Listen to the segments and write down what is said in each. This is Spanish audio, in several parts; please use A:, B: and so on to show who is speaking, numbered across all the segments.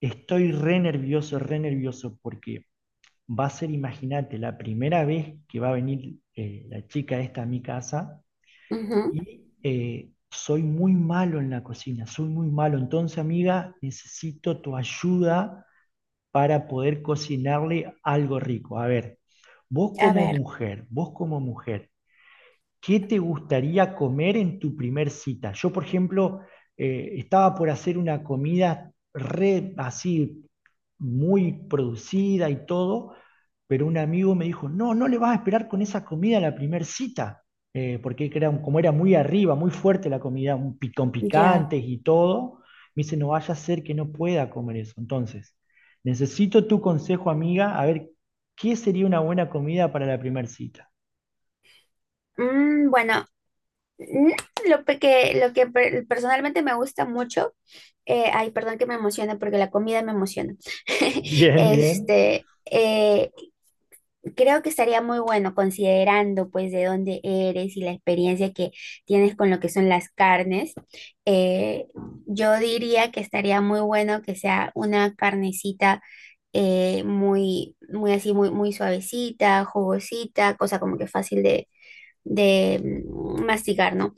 A: Estoy re nervioso, porque va a ser, imagínate, la primera vez que va a venir la chica esta a mi casa
B: Ujú.
A: y soy muy malo en la cocina, soy muy malo. Entonces, amiga, necesito tu ayuda para poder cocinarle algo rico. A ver,
B: A ver,
A: vos como mujer, ¿qué te gustaría comer en tu primer cita? Yo, por ejemplo, estaba por hacer una comida re así, muy producida y todo, pero un amigo me dijo, no, no le vas a esperar con esa comida a la primer cita, porque era, como era muy arriba, muy fuerte la comida, con
B: ya.
A: picantes y todo, me dice, no vaya a ser que no pueda comer eso. Entonces, necesito tu consejo, amiga, a ver, ¿qué sería una buena comida para la primer cita?
B: Bueno, mm, lo que personalmente me gusta mucho, ay, perdón que me emocione porque la comida me emociona.
A: Bien, bien.
B: Este, eh, Creo que estaría muy bueno considerando pues de dónde eres y la experiencia que tienes con lo que son las carnes. Eh, yo diría que estaría muy bueno que sea una carnecita muy, muy así, muy, muy suavecita, jugosita, cosa como que fácil de masticar, ¿no?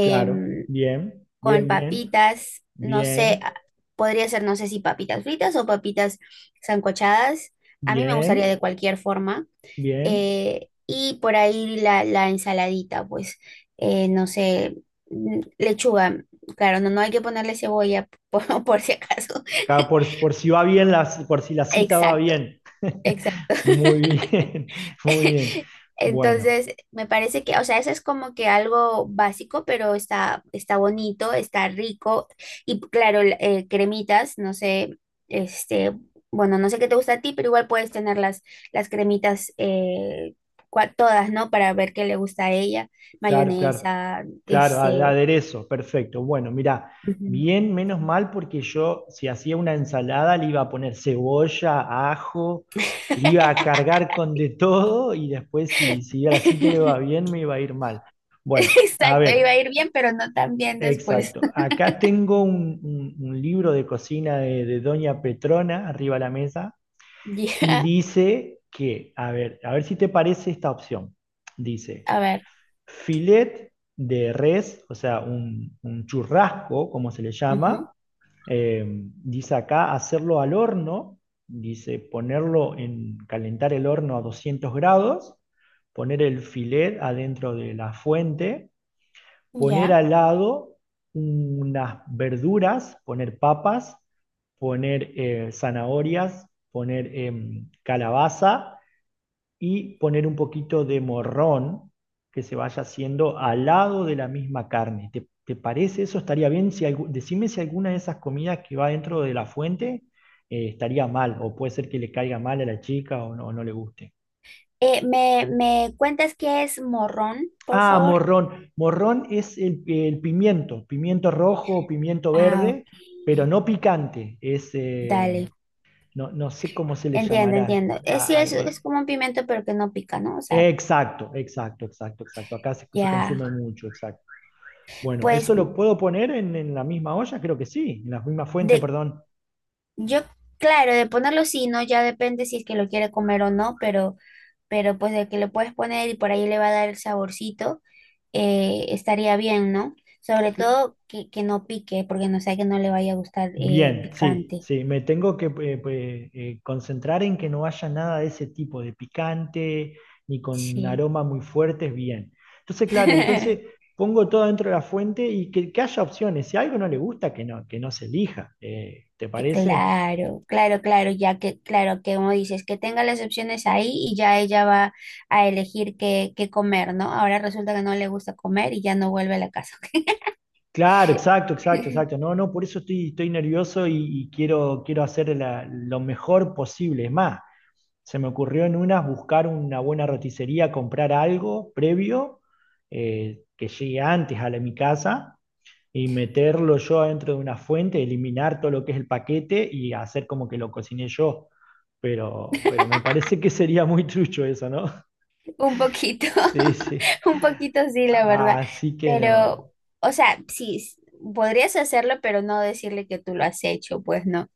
A: Claro, bien,
B: con
A: bien, bien,
B: papitas, no sé,
A: bien,
B: podría ser, no sé si papitas fritas o papitas sancochadas. A mí me gustaría de
A: bien,
B: cualquier forma.
A: bien.
B: Y por ahí la ensaladita, pues, no sé, lechuga. Claro, no, no hay que ponerle cebolla por, por si acaso.
A: Por si va bien, la, por si la cita va
B: Exacto,
A: bien.
B: exacto.
A: Muy bien, muy bien. Bueno,
B: Entonces, me parece que, o sea, eso es como que algo básico, pero está, está bonito, está rico. Y claro, cremitas, no sé, este, bueno, no sé qué te gusta a ti, pero igual puedes tener las cremitas todas, ¿no? Para ver qué le gusta a ella.
A: claro, claro,
B: Mayonesa,
A: claro,
B: este.
A: aderezo, perfecto. Bueno, mira,
B: Ujú.
A: bien, menos mal, porque yo si hacía una ensalada le iba a poner cebolla, ajo, le iba a cargar con de todo y después si a la cita iba bien, me iba a ir mal. Bueno, a
B: Exacto, iba a
A: ver.
B: ir bien, pero no tan bien después.
A: Exacto. Acá tengo un libro de cocina de Doña Petrona arriba de la mesa y
B: Ya,
A: dice que, a ver si te parece esta opción. Dice,
B: a ver.
A: filet de res, o sea, un churrasco, como se le
B: Ujú,
A: llama. Dice acá hacerlo al horno, dice ponerlo en calentar el horno a 200 grados, poner el filet adentro de la fuente, poner
B: ya.
A: al lado unas verduras, poner papas, poner zanahorias, poner calabaza y poner un poquito de morrón que se vaya haciendo al lado de la misma carne. ¿Te parece eso? ¿Estaría bien? Decime si alguna de esas comidas que va dentro de la fuente estaría mal o puede ser que le caiga mal a la chica o no le guste.
B: Me cuentas qué es morrón, por
A: Ah,
B: favor?
A: morrón. Morrón es el pimiento, pimiento rojo o pimiento
B: Ah,
A: verde,
B: ok.
A: pero no picante. Es, eh,
B: Dale.
A: no, no sé cómo se le
B: Entiendo,
A: llamará.
B: entiendo.
A: Ah,
B: Sí,
A: ah,
B: es
A: eh,
B: como un pimiento, pero que no pica, ¿no? O sea,
A: exacto, exacto, exacto, exacto. Acá se
B: ya.
A: consume mucho, exacto. Bueno,
B: Pues
A: ¿eso lo puedo poner en la misma olla? Creo que sí, en la misma fuente,
B: de,
A: perdón.
B: yo, claro, de ponerlo sí, ¿no? Ya depende si es que lo quiere comer o no, pero pues de que le puedes poner y por ahí le va a dar el saborcito, estaría bien, ¿no? Sobre todo que no pique, porque no sea que no le vaya a gustar
A: Bien, sí,
B: picante.
A: sí, me tengo que pues, concentrar en que no haya nada de ese tipo, de picante, ni con
B: Sí.
A: aromas muy fuertes, bien. Entonces, claro, entonces pongo todo dentro de la fuente y que haya opciones. Si algo no le gusta, que no se elija. ¿Te parece?
B: Claro, claro, claro, ya que, claro, que como dices, que tenga las opciones ahí y ya ella va a elegir qué, qué comer, ¿no? Ahora resulta que no le gusta comer y ya no vuelve a la casa.
A: Claro, exacto, exacto, exacto. No, no, por eso estoy nervioso y quiero hacer lo mejor posible. Es más. Se me ocurrió en unas buscar una buena roticería, comprar algo previo que llegue antes a mi casa y meterlo yo adentro de una fuente, eliminar todo lo que es el paquete y hacer como que lo cociné yo. Pero me parece que sería muy trucho eso, ¿no?
B: Un poquito,
A: Sí, sí.
B: un poquito sí, la verdad.
A: Así que no.
B: Pero, o sea, sí, podrías hacerlo, pero no decirle que tú lo has hecho, pues no.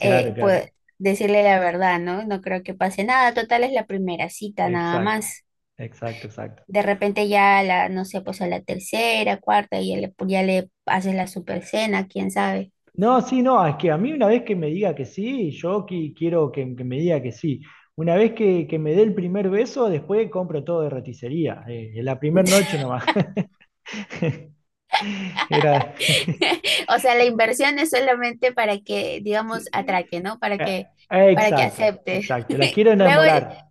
A: Claro,
B: pues
A: claro.
B: decirle la verdad, ¿no? No creo que pase nada. Total, es la primera cita, nada
A: Exacto.
B: más.
A: Exacto, exacto.
B: De repente ya la, no sé, pues a la tercera, cuarta, ya le haces la super cena, quién sabe.
A: No, sí, no, es que a mí una vez que me diga que sí, yo quiero que me diga que sí. Una vez que me dé el primer beso, después compro todo de roticería. En la primera noche nomás. Era.
B: O sea, la inversión es solamente para que, digamos,
A: eh,
B: atraque, ¿no?
A: eh,
B: Para que
A: Exacto,
B: acepte.
A: exacto. La quiero
B: Luego
A: enamorar.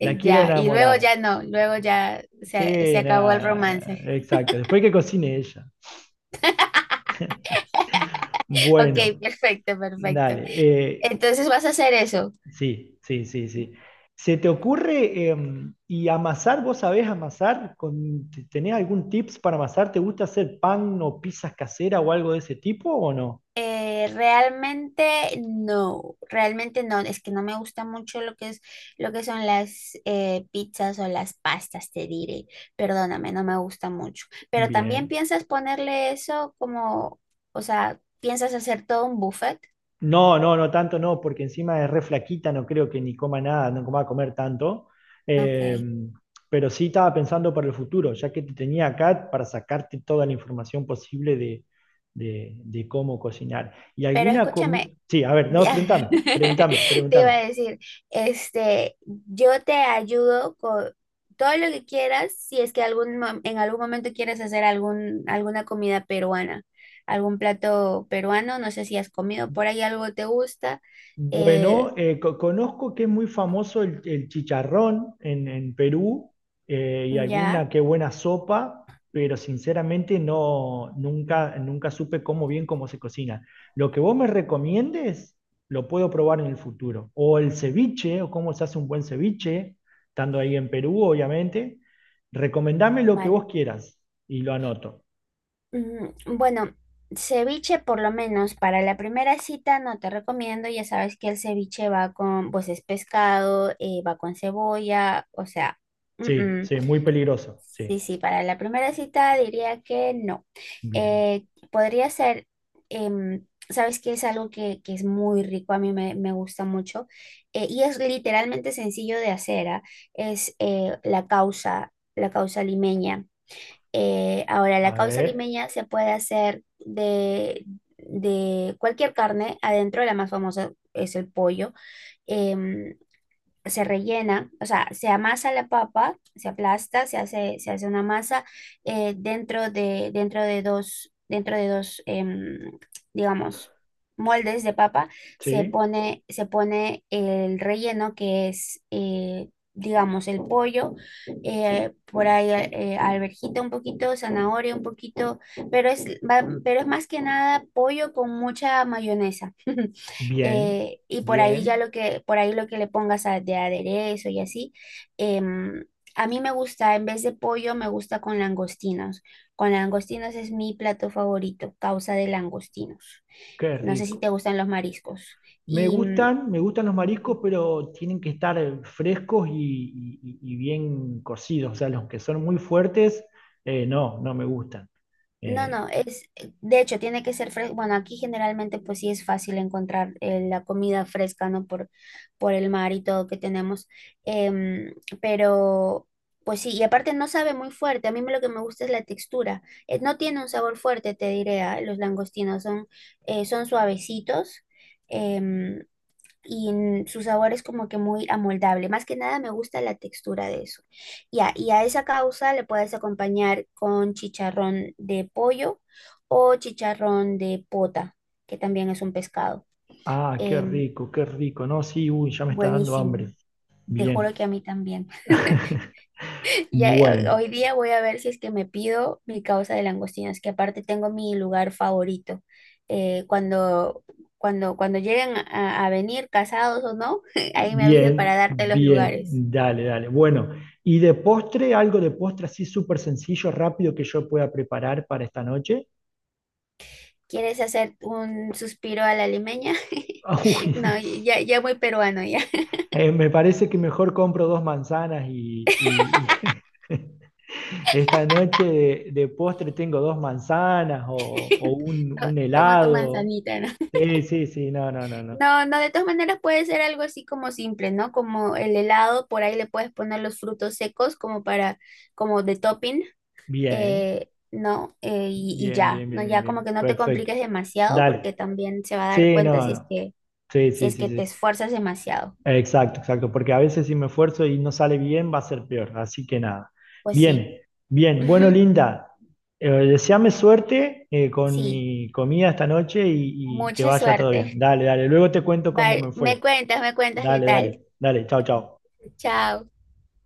A: La quiero
B: ya, y luego
A: enamorar.
B: ya no, luego ya se
A: Sí,
B: acabó el
A: nada,
B: romance.
A: exacto. Después que cocine ella.
B: Ok,
A: Bueno,
B: perfecto, perfecto.
A: dale. Eh,
B: Entonces vas a hacer eso.
A: Sí, sí, sí, sí. ¿Se te ocurre y amasar? ¿Vos sabés amasar? ¿Tenés algún tips para amasar? ¿Te gusta hacer pan o pizzas caseras o algo de ese tipo o no?
B: Realmente no, es que no me gusta mucho lo que es lo que son las pizzas o las pastas, te diré. Perdóname, no me gusta mucho. Pero también
A: Bien.
B: piensas ponerle eso como, o sea, piensas hacer todo un buffet.
A: No, no, no tanto no, porque encima es re flaquita, no creo que ni coma nada, no coma a comer tanto.
B: Ok.
A: Em, pero sí estaba pensando para el futuro, ya que te tenía acá para sacarte toda la información posible de cómo cocinar. ¿Y
B: Pero
A: alguna
B: escúchame,
A: comida? Sí, a ver, no,
B: ya,
A: pregúntame, pregúntame,
B: te iba
A: pregúntame.
B: a decir, yo te ayudo con todo lo que quieras, si es que algún, en algún momento quieres hacer algún, alguna comida peruana, algún plato peruano, no sé si has comido por ahí algo te gusta, eh,
A: Bueno, conozco que es muy famoso el chicharrón en Perú y
B: ya,
A: alguna que buena sopa, pero sinceramente no, nunca, nunca supe cómo bien cómo se cocina. Lo que vos me recomiendes lo puedo probar en el futuro. O el ceviche, o cómo se hace un buen ceviche, estando ahí en Perú, obviamente. Recomendame lo que
B: vale.
A: vos quieras y lo anoto.
B: Mm, bueno, ceviche por lo menos para la primera cita no te recomiendo, ya sabes que el ceviche va con, pues es pescado, va con cebolla, o sea... Mm,
A: Sí,
B: mm.
A: sí, muy peligroso. Sí,
B: Sí, sí, para la primera cita diría que no.
A: bien.
B: Podría ser, sabes que es algo que es muy rico, a mí me, me gusta mucho, y es literalmente sencillo de hacer, ¿ah? Es la causa limeña. Ahora, la
A: A
B: causa
A: ver,
B: limeña se puede hacer de cualquier carne, adentro la más famosa es el pollo, em, se rellena, o sea, se amasa la papa, se aplasta, se hace una masa dentro de, dentro de dos, digamos, moldes de papa,
A: sí.
B: se pone el relleno que es, digamos, el pollo, por ahí alverjita un poquito, zanahoria un poquito, pero pero es más que nada pollo con mucha mayonesa.
A: Bien,
B: Y por ahí ya
A: bien,
B: lo que, por ahí lo que le pongas de aderezo y así. em, a mí me gusta, en vez de pollo, me gusta con langostinos. Con langostinos es mi plato favorito, causa de langostinos.
A: qué
B: No sé si
A: rico.
B: te gustan los mariscos.
A: Me
B: Y
A: gustan, me gustan los mariscos, pero tienen que estar frescos y bien cocidos. O sea, los que son muy fuertes, no, no me gustan.
B: no,
A: Eh,
B: no, de hecho, tiene que ser fresco. Bueno, aquí generalmente pues sí es fácil encontrar la comida fresca, ¿no? Por el mar y todo que tenemos. Em, pero pues sí, y aparte no sabe muy fuerte. A lo que me gusta es la textura. No tiene un sabor fuerte, te diré, ah, los langostinos son, son suavecitos. em, y su sabor es como que muy amoldable. Más que nada me gusta la textura de eso. Ya, y a esa causa le puedes acompañar con chicharrón de pollo o chicharrón de pota, que también es un pescado.
A: qué
B: Em,
A: rico, qué rico. No, sí, uy, ya me está dando hambre.
B: buenísimo. Te juro
A: Bien.
B: que a mí también. Ya,
A: Bueno,
B: hoy día voy a ver si es que me pido mi causa de langostinos, que aparte tengo mi lugar favorito. Eh, cuando, cuando lleguen a venir casados o no, ahí me avisa para
A: bien,
B: darte los
A: bien,
B: lugares.
A: dale, dale. Bueno, y de postre, algo de postre así súper sencillo, rápido que yo pueda preparar para esta noche.
B: ¿Quieres hacer un suspiro a la limeña?
A: Uy.
B: No, ya, ya muy peruano, ya.
A: Me parece que mejor compro dos manzanas y esta noche de postre tengo dos manzanas o un, un
B: Toma tu
A: helado.
B: manzanita, ¿no?
A: Sí, sí, sí, no, no, no, no.
B: No, no, de todas maneras puede ser algo así como simple, ¿no? Como el helado, por ahí le puedes poner los frutos secos como para, como de topping,
A: Bien,
B: ¿no? Y
A: bien,
B: ya,
A: bien,
B: ¿no?
A: bien, bien,
B: Ya como
A: bien.
B: que no te
A: Perfecto.
B: compliques demasiado porque
A: Dale.
B: también se va a dar
A: Sí,
B: cuenta
A: no,
B: si es
A: no.
B: que,
A: Sí,
B: si
A: sí,
B: es
A: sí,
B: que te
A: sí.
B: esfuerzas demasiado.
A: Exacto, exacto, porque a veces si me esfuerzo y no sale bien, va a ser peor. Así que nada.
B: Pues sí.
A: Bien, bien. Bueno, Linda, deséame suerte con
B: Sí,
A: mi comida esta noche y que
B: mucha
A: vaya todo bien.
B: suerte.
A: Dale, dale. Luego te cuento cómo
B: Vale,
A: me fue.
B: me cuentas qué
A: Dale,
B: tal.
A: dale, dale. Chao, chao.
B: Chao.